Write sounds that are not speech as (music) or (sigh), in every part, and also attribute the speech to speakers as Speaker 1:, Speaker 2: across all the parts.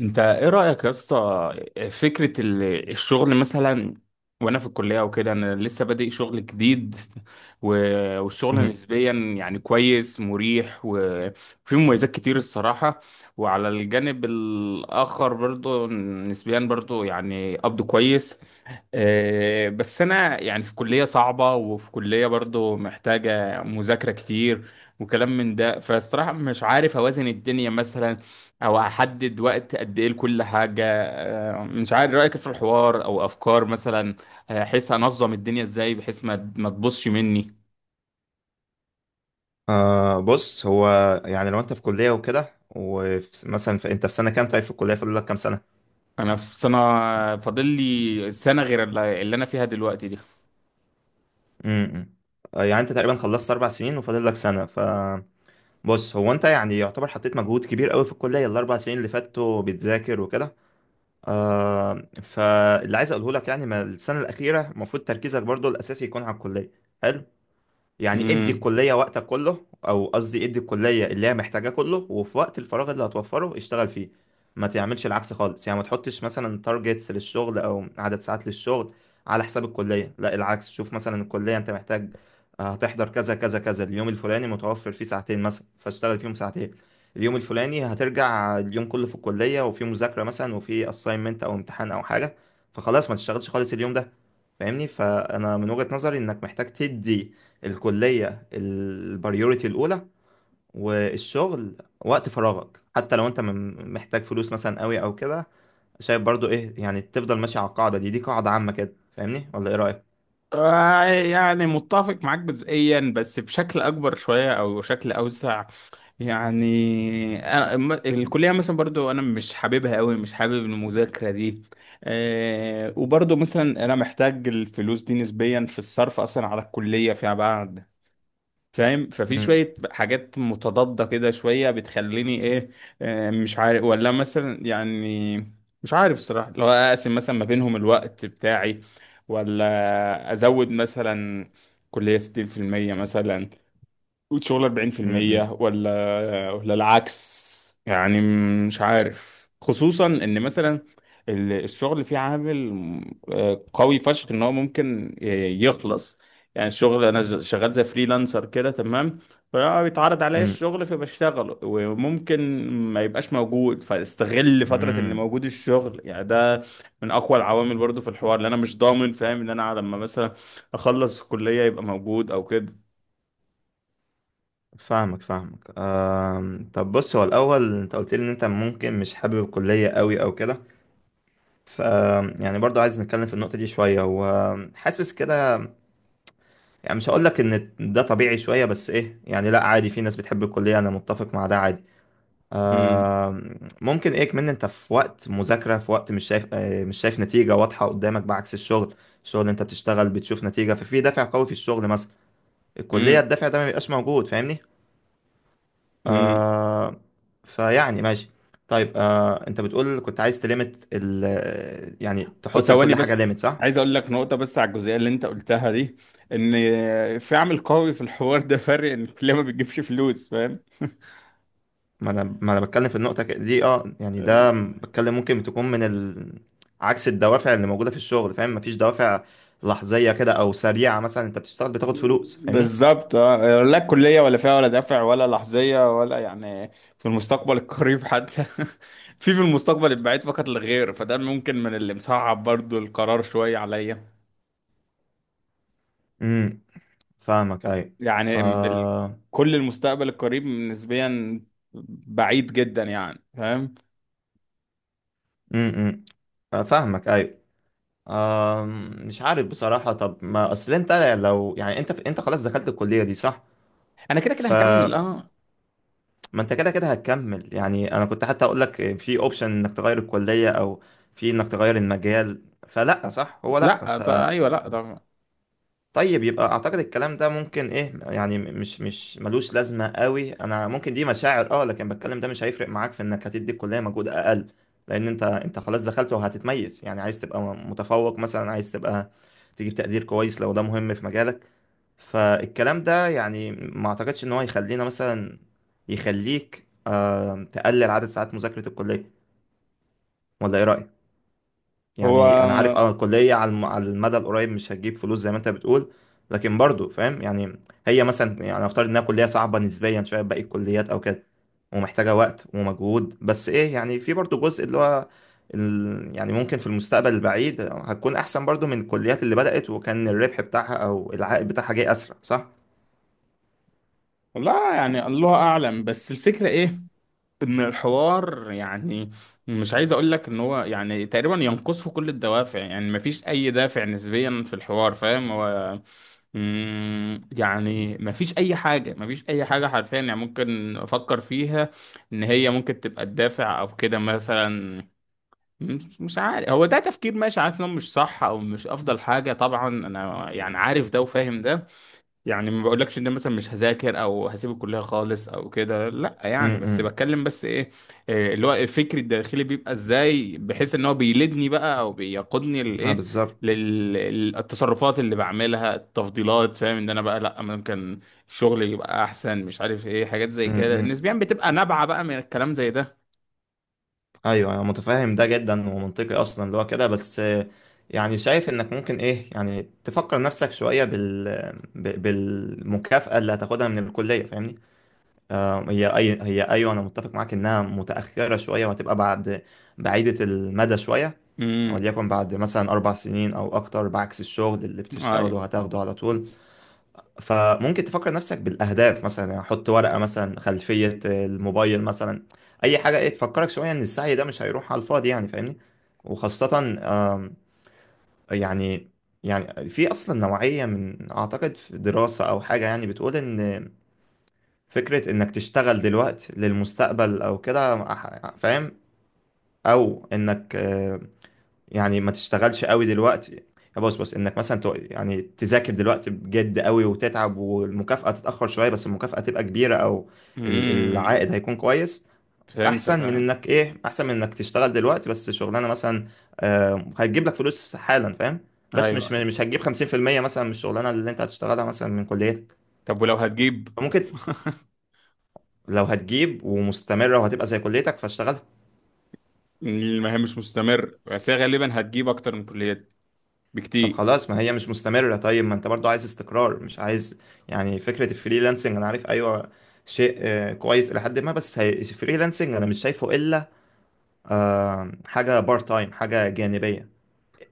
Speaker 1: انت ايه رأيك يا اسطى؟ فكرة الشغل مثلا، وانا في الكلية وكده، انا لسه بادئ شغل جديد. والشغل
Speaker 2: مهم.
Speaker 1: نسبيا يعني كويس، مريح وفيه مميزات كتير الصراحة. وعلى الجانب الآخر برضو، نسبيا برضو يعني قبض كويس. آه، بس انا يعني في كلية صعبة وفي كلية برضو محتاجة مذاكرة كتير وكلام من ده، فالصراحة مش عارف اوازن الدنيا مثلا، او هحدد وقت قد ايه لكل حاجه. مش عارف رايك في الحوار او افكار مثلا. احس انظم الدنيا ازاي بحيث ما تبصش مني.
Speaker 2: بص هو يعني لو انت في كلية وكده ومثلا انت في سنة كام؟ طيب في الكلية فاضل لك كام سنة؟
Speaker 1: انا في سنه، فاضل لي سنه غير اللي انا فيها دلوقتي دي.
Speaker 2: امم يعني انت تقريبا خلصت 4 سنين وفاضل لك سنة، فبص، هو انت يعني يعتبر حطيت مجهود كبير قوي في الكلية الاربع سنين اللي فاتوا، بتذاكر وكده. فاللي عايز اقوله لك يعني، ما السنة الأخيرة المفروض تركيزك برضو الأساسي يكون على الكلية. حلو. يعني ادي
Speaker 1: امم.
Speaker 2: الكلية وقتك كله، او قصدي ادي الكلية اللي هي محتاجاه كله، وفي وقت الفراغ اللي هتوفره اشتغل فيه. ما تعملش العكس خالص، يعني ما تحطش مثلا تارجتس للشغل او عدد ساعات للشغل على حساب الكلية. لا العكس، شوف مثلا الكلية انت محتاج هتحضر كذا كذا كذا، اليوم الفلاني متوفر فيه ساعتين مثلا فاشتغل فيهم ساعتين، اليوم الفلاني هترجع اليوم كله في الكلية وفي مذاكرة مثلا وفي assignment او امتحان او حاجة، فخلاص ما تشتغلش خالص اليوم ده. فاهمني؟ فانا من وجهة نظري انك محتاج تدي الكلية البريوريتي الأولى، والشغل وقت فراغك، حتى لو أنت محتاج فلوس مثلا قوي أو كده. شايف برضو إيه؟ يعني تفضل ماشي على القاعدة دي، دي قاعدة عامة كده. فاهمني ولا إيه رأيك؟
Speaker 1: يعني متفق معاك جزئيا، بس بشكل اكبر شويه او شكل اوسع. يعني أنا الكلية مثلا برضو أنا مش حاببها أوي، مش حابب المذاكرة دي. أه، وبرضو مثلا أنا محتاج الفلوس دي نسبيا في الصرف أصلا على الكلية فيما بعد، فاهم؟ ففي
Speaker 2: مم.
Speaker 1: شوية حاجات متضادة كده شوية، بتخليني إيه، أه، مش عارف، ولا مثلا يعني مش عارف الصراحة لو أقسم مثلا ما بينهم الوقت بتاعي، ولا أزود مثلا كلية 60% مثلا وتشغل
Speaker 2: مم.
Speaker 1: 40% ولا العكس يعني. مش عارف، خصوصا ان مثلا الشغل فيه عامل آه، قوي فشخ ان هو ممكن يخلص. يعني الشغل انا شغال زي فريلانسر كده، تمام؟ فبيتعرض عليا
Speaker 2: مم.
Speaker 1: الشغل فبشتغله وممكن ما يبقاش موجود، فاستغل فترة ان
Speaker 2: مم.
Speaker 1: موجود الشغل. يعني ده من اقوى العوامل برضو في الحوار، اللي انا مش ضامن، فاهم، ان انا لما مثلا اخلص الكلية يبقى موجود او كده.
Speaker 2: فاهمك فاهمك. طب بص، هو الأول أنت قلت لي إن أنت ممكن مش حابب الكلية قوي أو كده، ف يعني برضو عايز نتكلم في النقطة دي شوية، وحاسس كده، يعني مش هقول لك ان ده طبيعي شويه، بس ايه يعني، لا عادي، في ناس بتحب الكليه، انا متفق مع ده، عادي. آه ممكن ايه كمان انت في وقت مذاكره، في وقت مش شايف مش شايف نتيجه واضحه قدامك بعكس الشغل. الشغل انت بتشتغل بتشوف نتيجه، ففي دافع قوي في الشغل مثلا. الكليه
Speaker 1: امم.
Speaker 2: الدافع ده ما بيبقاش موجود، فاهمني.
Speaker 1: امم.
Speaker 2: آه ماشي. طيب انت بتقول كنت عايز تليمت ال، يعني تحط
Speaker 1: وثواني
Speaker 2: لكل حاجه
Speaker 1: بس،
Speaker 2: ليميت، صح؟
Speaker 1: عايز اقول لك نقطة بس على الجزئية اللي انت قلتها دي. ان في عامل قوي في الحوار ده، فرق ان الكلية ما بتجيبش فلوس، فاهم؟
Speaker 2: ما انا، ما انا بتكلم في النقطه دي، يعني ده
Speaker 1: ال-
Speaker 2: بتكلم، ممكن تكون من عكس الدوافع اللي موجوده في الشغل، فاهم؟ مفيش دوافع لحظيه كده او سريعه، مثلا انت بتشتغل بتاخد فلوس، فاهمني.
Speaker 1: بالظبط آه. لا الكلية ولا فيها ولا دافع ولا لحظية ولا يعني في المستقبل القريب حتى (laughs) في المستقبل البعيد فقط لا غير. فده ممكن من اللي مصعب برضو القرار شوية عليا.
Speaker 2: امم. فاهمك ايوه.
Speaker 1: يعني
Speaker 2: آه
Speaker 1: كل المستقبل القريب نسبيا بعيد جدا، يعني فاهم.
Speaker 2: امم. فاهمك ايوه. آه مش عارف بصراحه، طب ما اصل انت لو، يعني انت انت خلاص دخلت الكليه دي صح،
Speaker 1: انا كده كده
Speaker 2: ف
Speaker 1: هكمل، اه.
Speaker 2: ما انت كده كده هتكمل، يعني انا كنت حتى اقول لك في اوبشن انك تغير الكلية، او في انك تغير المجال، فلا صح هو لا.
Speaker 1: لا ده ايوه، لا ده
Speaker 2: طيب يبقى اعتقد الكلام ده ممكن ايه يعني، مش مش ملوش لازمة قوي، انا ممكن دي مشاعر لكن بتكلم، ده مش هيفرق معاك في انك هتدي الكلية مجهود اقل، لان انت انت خلاص دخلت، وهتتميز، يعني عايز تبقى متفوق مثلا، عايز تبقى تجيب تقدير كويس لو ده مهم في مجالك. فالكلام ده يعني ما اعتقدش ان هو يخلينا مثلا يخليك تقلل عدد ساعات مذاكرة الكلية، ولا ايه رأيك؟
Speaker 1: هو
Speaker 2: يعني انا عارف الكلية على على المدى القريب مش هتجيب فلوس زي ما انت بتقول، لكن برضو فاهم يعني، هي مثلا يعني افترض انها كلية صعبة نسبيا شوية باقي الكليات او كده، ومحتاجة وقت ومجهود، بس ايه يعني في برضو جزء اللي هو يعني ممكن في المستقبل البعيد هتكون احسن برضو من الكليات اللي بدأت وكان الربح بتاعها او العائد بتاعها جاي اسرع، صح؟
Speaker 1: لا. يعني الله اعلم، بس الفكره ايه، ان الحوار يعني، مش عايز اقول لك ان هو يعني تقريبا ينقصه كل الدوافع. يعني مفيش اي دافع نسبيا في الحوار، فاهم؟ هو مم، يعني مفيش اي حاجه، مفيش اي حاجه حرفيا يعني ممكن افكر فيها ان هي ممكن تبقى الدافع او كده مثلا. مش عارف، هو ده تفكير ماشي، عارف انه مش صح او مش افضل حاجه طبعا، انا يعني عارف ده وفاهم ده. يعني ما بقولكش ان أنا مثلا مش هذاكر او هسيب الكليه خالص او كده، لا
Speaker 2: م
Speaker 1: يعني، بس
Speaker 2: -م.
Speaker 1: بتكلم بس ايه، إيه اللي هو الفكر الداخلي بيبقى ازاي، بحيث ان هو بيلدني بقى او بيقودني
Speaker 2: ما
Speaker 1: للايه،
Speaker 2: بالظبط.
Speaker 1: للتصرفات اللي بعملها، التفضيلات. فاهم ان انا بقى، لا ممكن الشغل يبقى احسن، مش عارف ايه حاجات زي كده،
Speaker 2: امم.
Speaker 1: نسبيا بتبقى نابعه بقى من الكلام زي ده.
Speaker 2: ايوه انا متفاهم ده جدا ومنطقي اصلا اللي هو كده، بس يعني شايف انك ممكن ايه يعني تفكر نفسك شويه بال بالمكافاه اللي هتاخدها من الكليه، فاهمني. هي اي هي ايوه انا متفق معاك انها متاخره شويه، وهتبقى بعد بعيده المدى شويه،
Speaker 1: امم.
Speaker 2: وليكن بعد مثلا 4 سنين او اكتر، بعكس الشغل اللي
Speaker 1: اي.
Speaker 2: بتشتغله هتاخده على طول. فممكن تفكر نفسك بالاهداف مثلا، يعني حط ورقه مثلا خلفيه الموبايل مثلا، اي حاجه ايه تفكرك شويه ان السعي ده مش هيروح على الفاضي، يعني فاهمني. وخاصه يعني يعني في اصلا نوعيه من اعتقد في دراسه او حاجه، يعني بتقول ان فكره انك تشتغل دلوقتي للمستقبل او كده فاهم؟ او انك يعني ما تشتغلش قوي دلوقتي، يا بص بص انك مثلا يعني تذاكر دلوقتي بجد قوي وتتعب، والمكافأة تتأخر شوية بس المكافأة تبقى كبيرة، او
Speaker 1: امم.
Speaker 2: العائد هيكون كويس،
Speaker 1: فهمتك.
Speaker 2: احسن من انك ايه، احسن من انك تشتغل دلوقتي بس شغلانة مثلا هتجيب لك فلوس حالا، فاهم؟
Speaker 1: ايوه.
Speaker 2: بس مش
Speaker 1: ايوه.
Speaker 2: مش هتجيب 50% مثلا من الشغلانة اللي انت هتشتغلها مثلا من كليتك.
Speaker 1: طب ولو هتجيب
Speaker 2: فممكن،
Speaker 1: (laughs)
Speaker 2: لو هتجيب ومستمرة وهتبقى زي كليتك فاشتغلها.
Speaker 1: المهام مش مستمر، بس هي غالبا هتجيب اكتر من كليات
Speaker 2: طب
Speaker 1: بكتير.
Speaker 2: خلاص ما هي مش مستمرة، طيب ما انت برضو عايز استقرار، مش عايز، يعني فكرة الفريلانسنج انا عارف ايوه شيء كويس الى حد ما، بس الفريلانسنج انا مش شايفه الا حاجة بارت تايم، حاجة جانبية،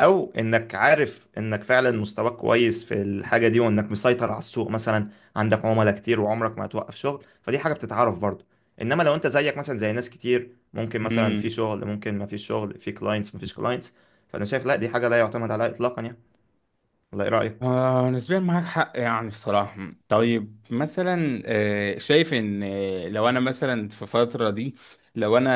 Speaker 2: او انك عارف انك فعلا مستواك كويس في الحاجة دي، وانك مسيطر على السوق مثلا، عندك عملاء كتير وعمرك ما هتوقف شغل، فدي حاجة بتتعرف برضو. انما لو انت زيك مثلا زي ناس كتير، ممكن مثلا في
Speaker 1: امم.
Speaker 2: شغل ممكن ما فيش شغل، في كلاينتس ما فيش كلاينتس، فانا شايف لا، دي حاجة لا يعتمد عليها اطلاقا يعني. ولا ايه رأيك؟
Speaker 1: آه، نسبيا معاك حق يعني الصراحة. طيب مثلا آه، شايف ان آه، لو انا مثلا في فترة دي، لو انا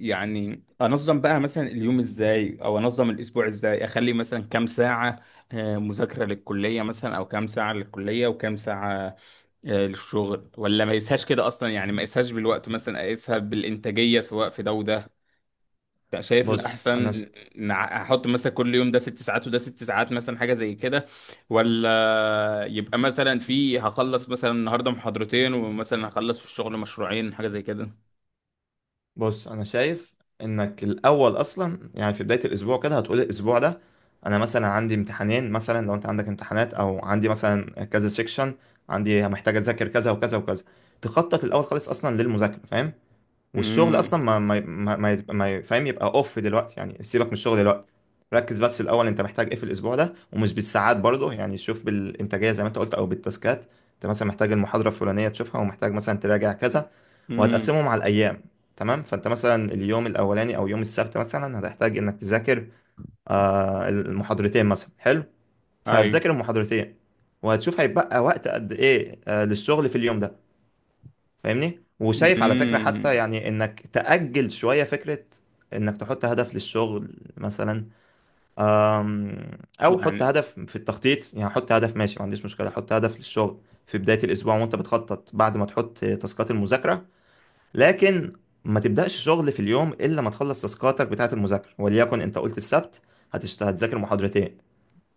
Speaker 1: يعني انظم بقى مثلا اليوم ازاي، او انظم الاسبوع ازاي، اخلي مثلا كام ساعة مذاكرة للكلية مثلا، او كام ساعة للكلية وكام ساعة للشغل، ولا ما يقيسهاش كده اصلا. يعني ما يقيسهاش بالوقت مثلا، اقيسها بالانتاجية سواء في ده وده. كان شايف
Speaker 2: بص انا ش...
Speaker 1: الأحسن إن أحط مثلا كل يوم ده ست ساعات وده ست ساعات مثلا، حاجة زي كده، ولا يبقى مثلا في هخلص مثلا النهاردة محاضرتين، ومثلا هخلص في الشغل مشروعين، حاجة زي كده.
Speaker 2: بص انا شايف انك الاول اصلا يعني في بدايه الاسبوع كده هتقول الاسبوع ده انا مثلا عندي امتحانين مثلا، لو انت عندك امتحانات، او عندي مثلا كذا سيكشن، عندي محتاج اذاكر كذا وكذا وكذا. تخطط الاول خالص اصلا للمذاكره، فاهم؟ والشغل
Speaker 1: امم.
Speaker 2: اصلا ما فاهم، يبقى اوف دلوقتي، يعني سيبك من الشغل دلوقتي. ركز بس الاول انت محتاج ايه في الاسبوع ده، ومش بالساعات برضه، يعني شوف بالانتاجيه زي ما انت قلت او بالتاسكات. انت مثلا محتاج المحاضره الفلانيه تشوفها، ومحتاج مثلا تراجع كذا،
Speaker 1: امم.
Speaker 2: وهتقسمهم على الايام. تمام، فانت مثلا اليوم الاولاني او يوم السبت مثلا هتحتاج انك تذاكر المحاضرتين مثلا، حلو،
Speaker 1: ايوه.
Speaker 2: فهتذاكر المحاضرتين، وهتشوف هيبقى وقت قد ايه للشغل في اليوم ده، فاهمني؟ وشايف على فكرة حتى
Speaker 1: امم.
Speaker 2: يعني انك تأجل شوية فكرة انك تحط هدف للشغل مثلا، او حط
Speaker 1: يعني
Speaker 2: هدف في التخطيط، يعني حط هدف ماشي ما عنديش مشكلة، حط هدف للشغل في بداية الاسبوع وانت بتخطط بعد ما تحط تاسكات المذاكرة، لكن ما تبدأش شغل في اليوم الا ما تخلص تاسكاتك بتاعة المذاكرة. وليكن انت قلت السبت هتذاكر محاضرتين،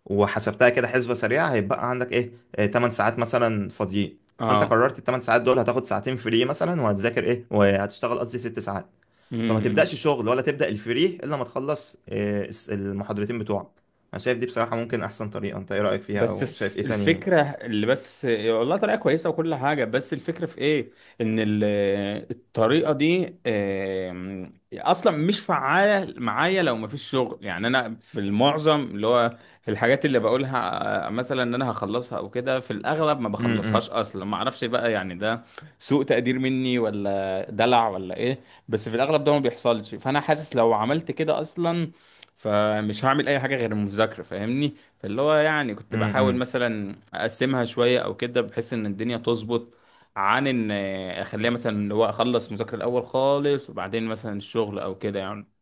Speaker 2: وحسبتها كده حسبة سريعة، هيبقى عندك ايه 8 ساعات مثلا فاضيين، فانت
Speaker 1: اه.
Speaker 2: قررت 8 ساعات دول هتاخد ساعتين فري مثلا، وهتذاكر ايه، وهتشتغل قصدي 6 ساعات، فما
Speaker 1: امم.
Speaker 2: تبدأش شغل ولا تبدأ الفري الا ما تخلص المحاضرتين بتوعك. انا شايف دي بصراحة ممكن احسن طريقة، انت ايه رأيك فيها
Speaker 1: بس
Speaker 2: او شايف ايه تاني؟
Speaker 1: الفكرة، اللي بس والله طريقة كويسة وكل حاجة، بس الفكرة في ايه، ان الطريقة دي اصلا مش فعالة معايا لو مفيش شغل. يعني انا في المعظم اللي هو الحاجات اللي بقولها آه، مثلا ان انا هخلصها او كده، في الاغلب ما بخلصهاش اصلا. ما اعرفش بقى يعني ده سوء تقدير مني ولا دلع ولا ايه، بس في الاغلب ده ما بيحصلش. فانا حاسس لو عملت كده اصلا، فمش هعمل اي حاجة غير المذاكرة، فاهمني. فاللي هو يعني كنت
Speaker 2: امم
Speaker 1: بحاول مثلا اقسمها شويه او كده، بحيث ان الدنيا تظبط، عن ان اخليها مثلا اللي هو اخلص مذاكره الاول خالص وبعدين مثلا الشغل او كده يعني.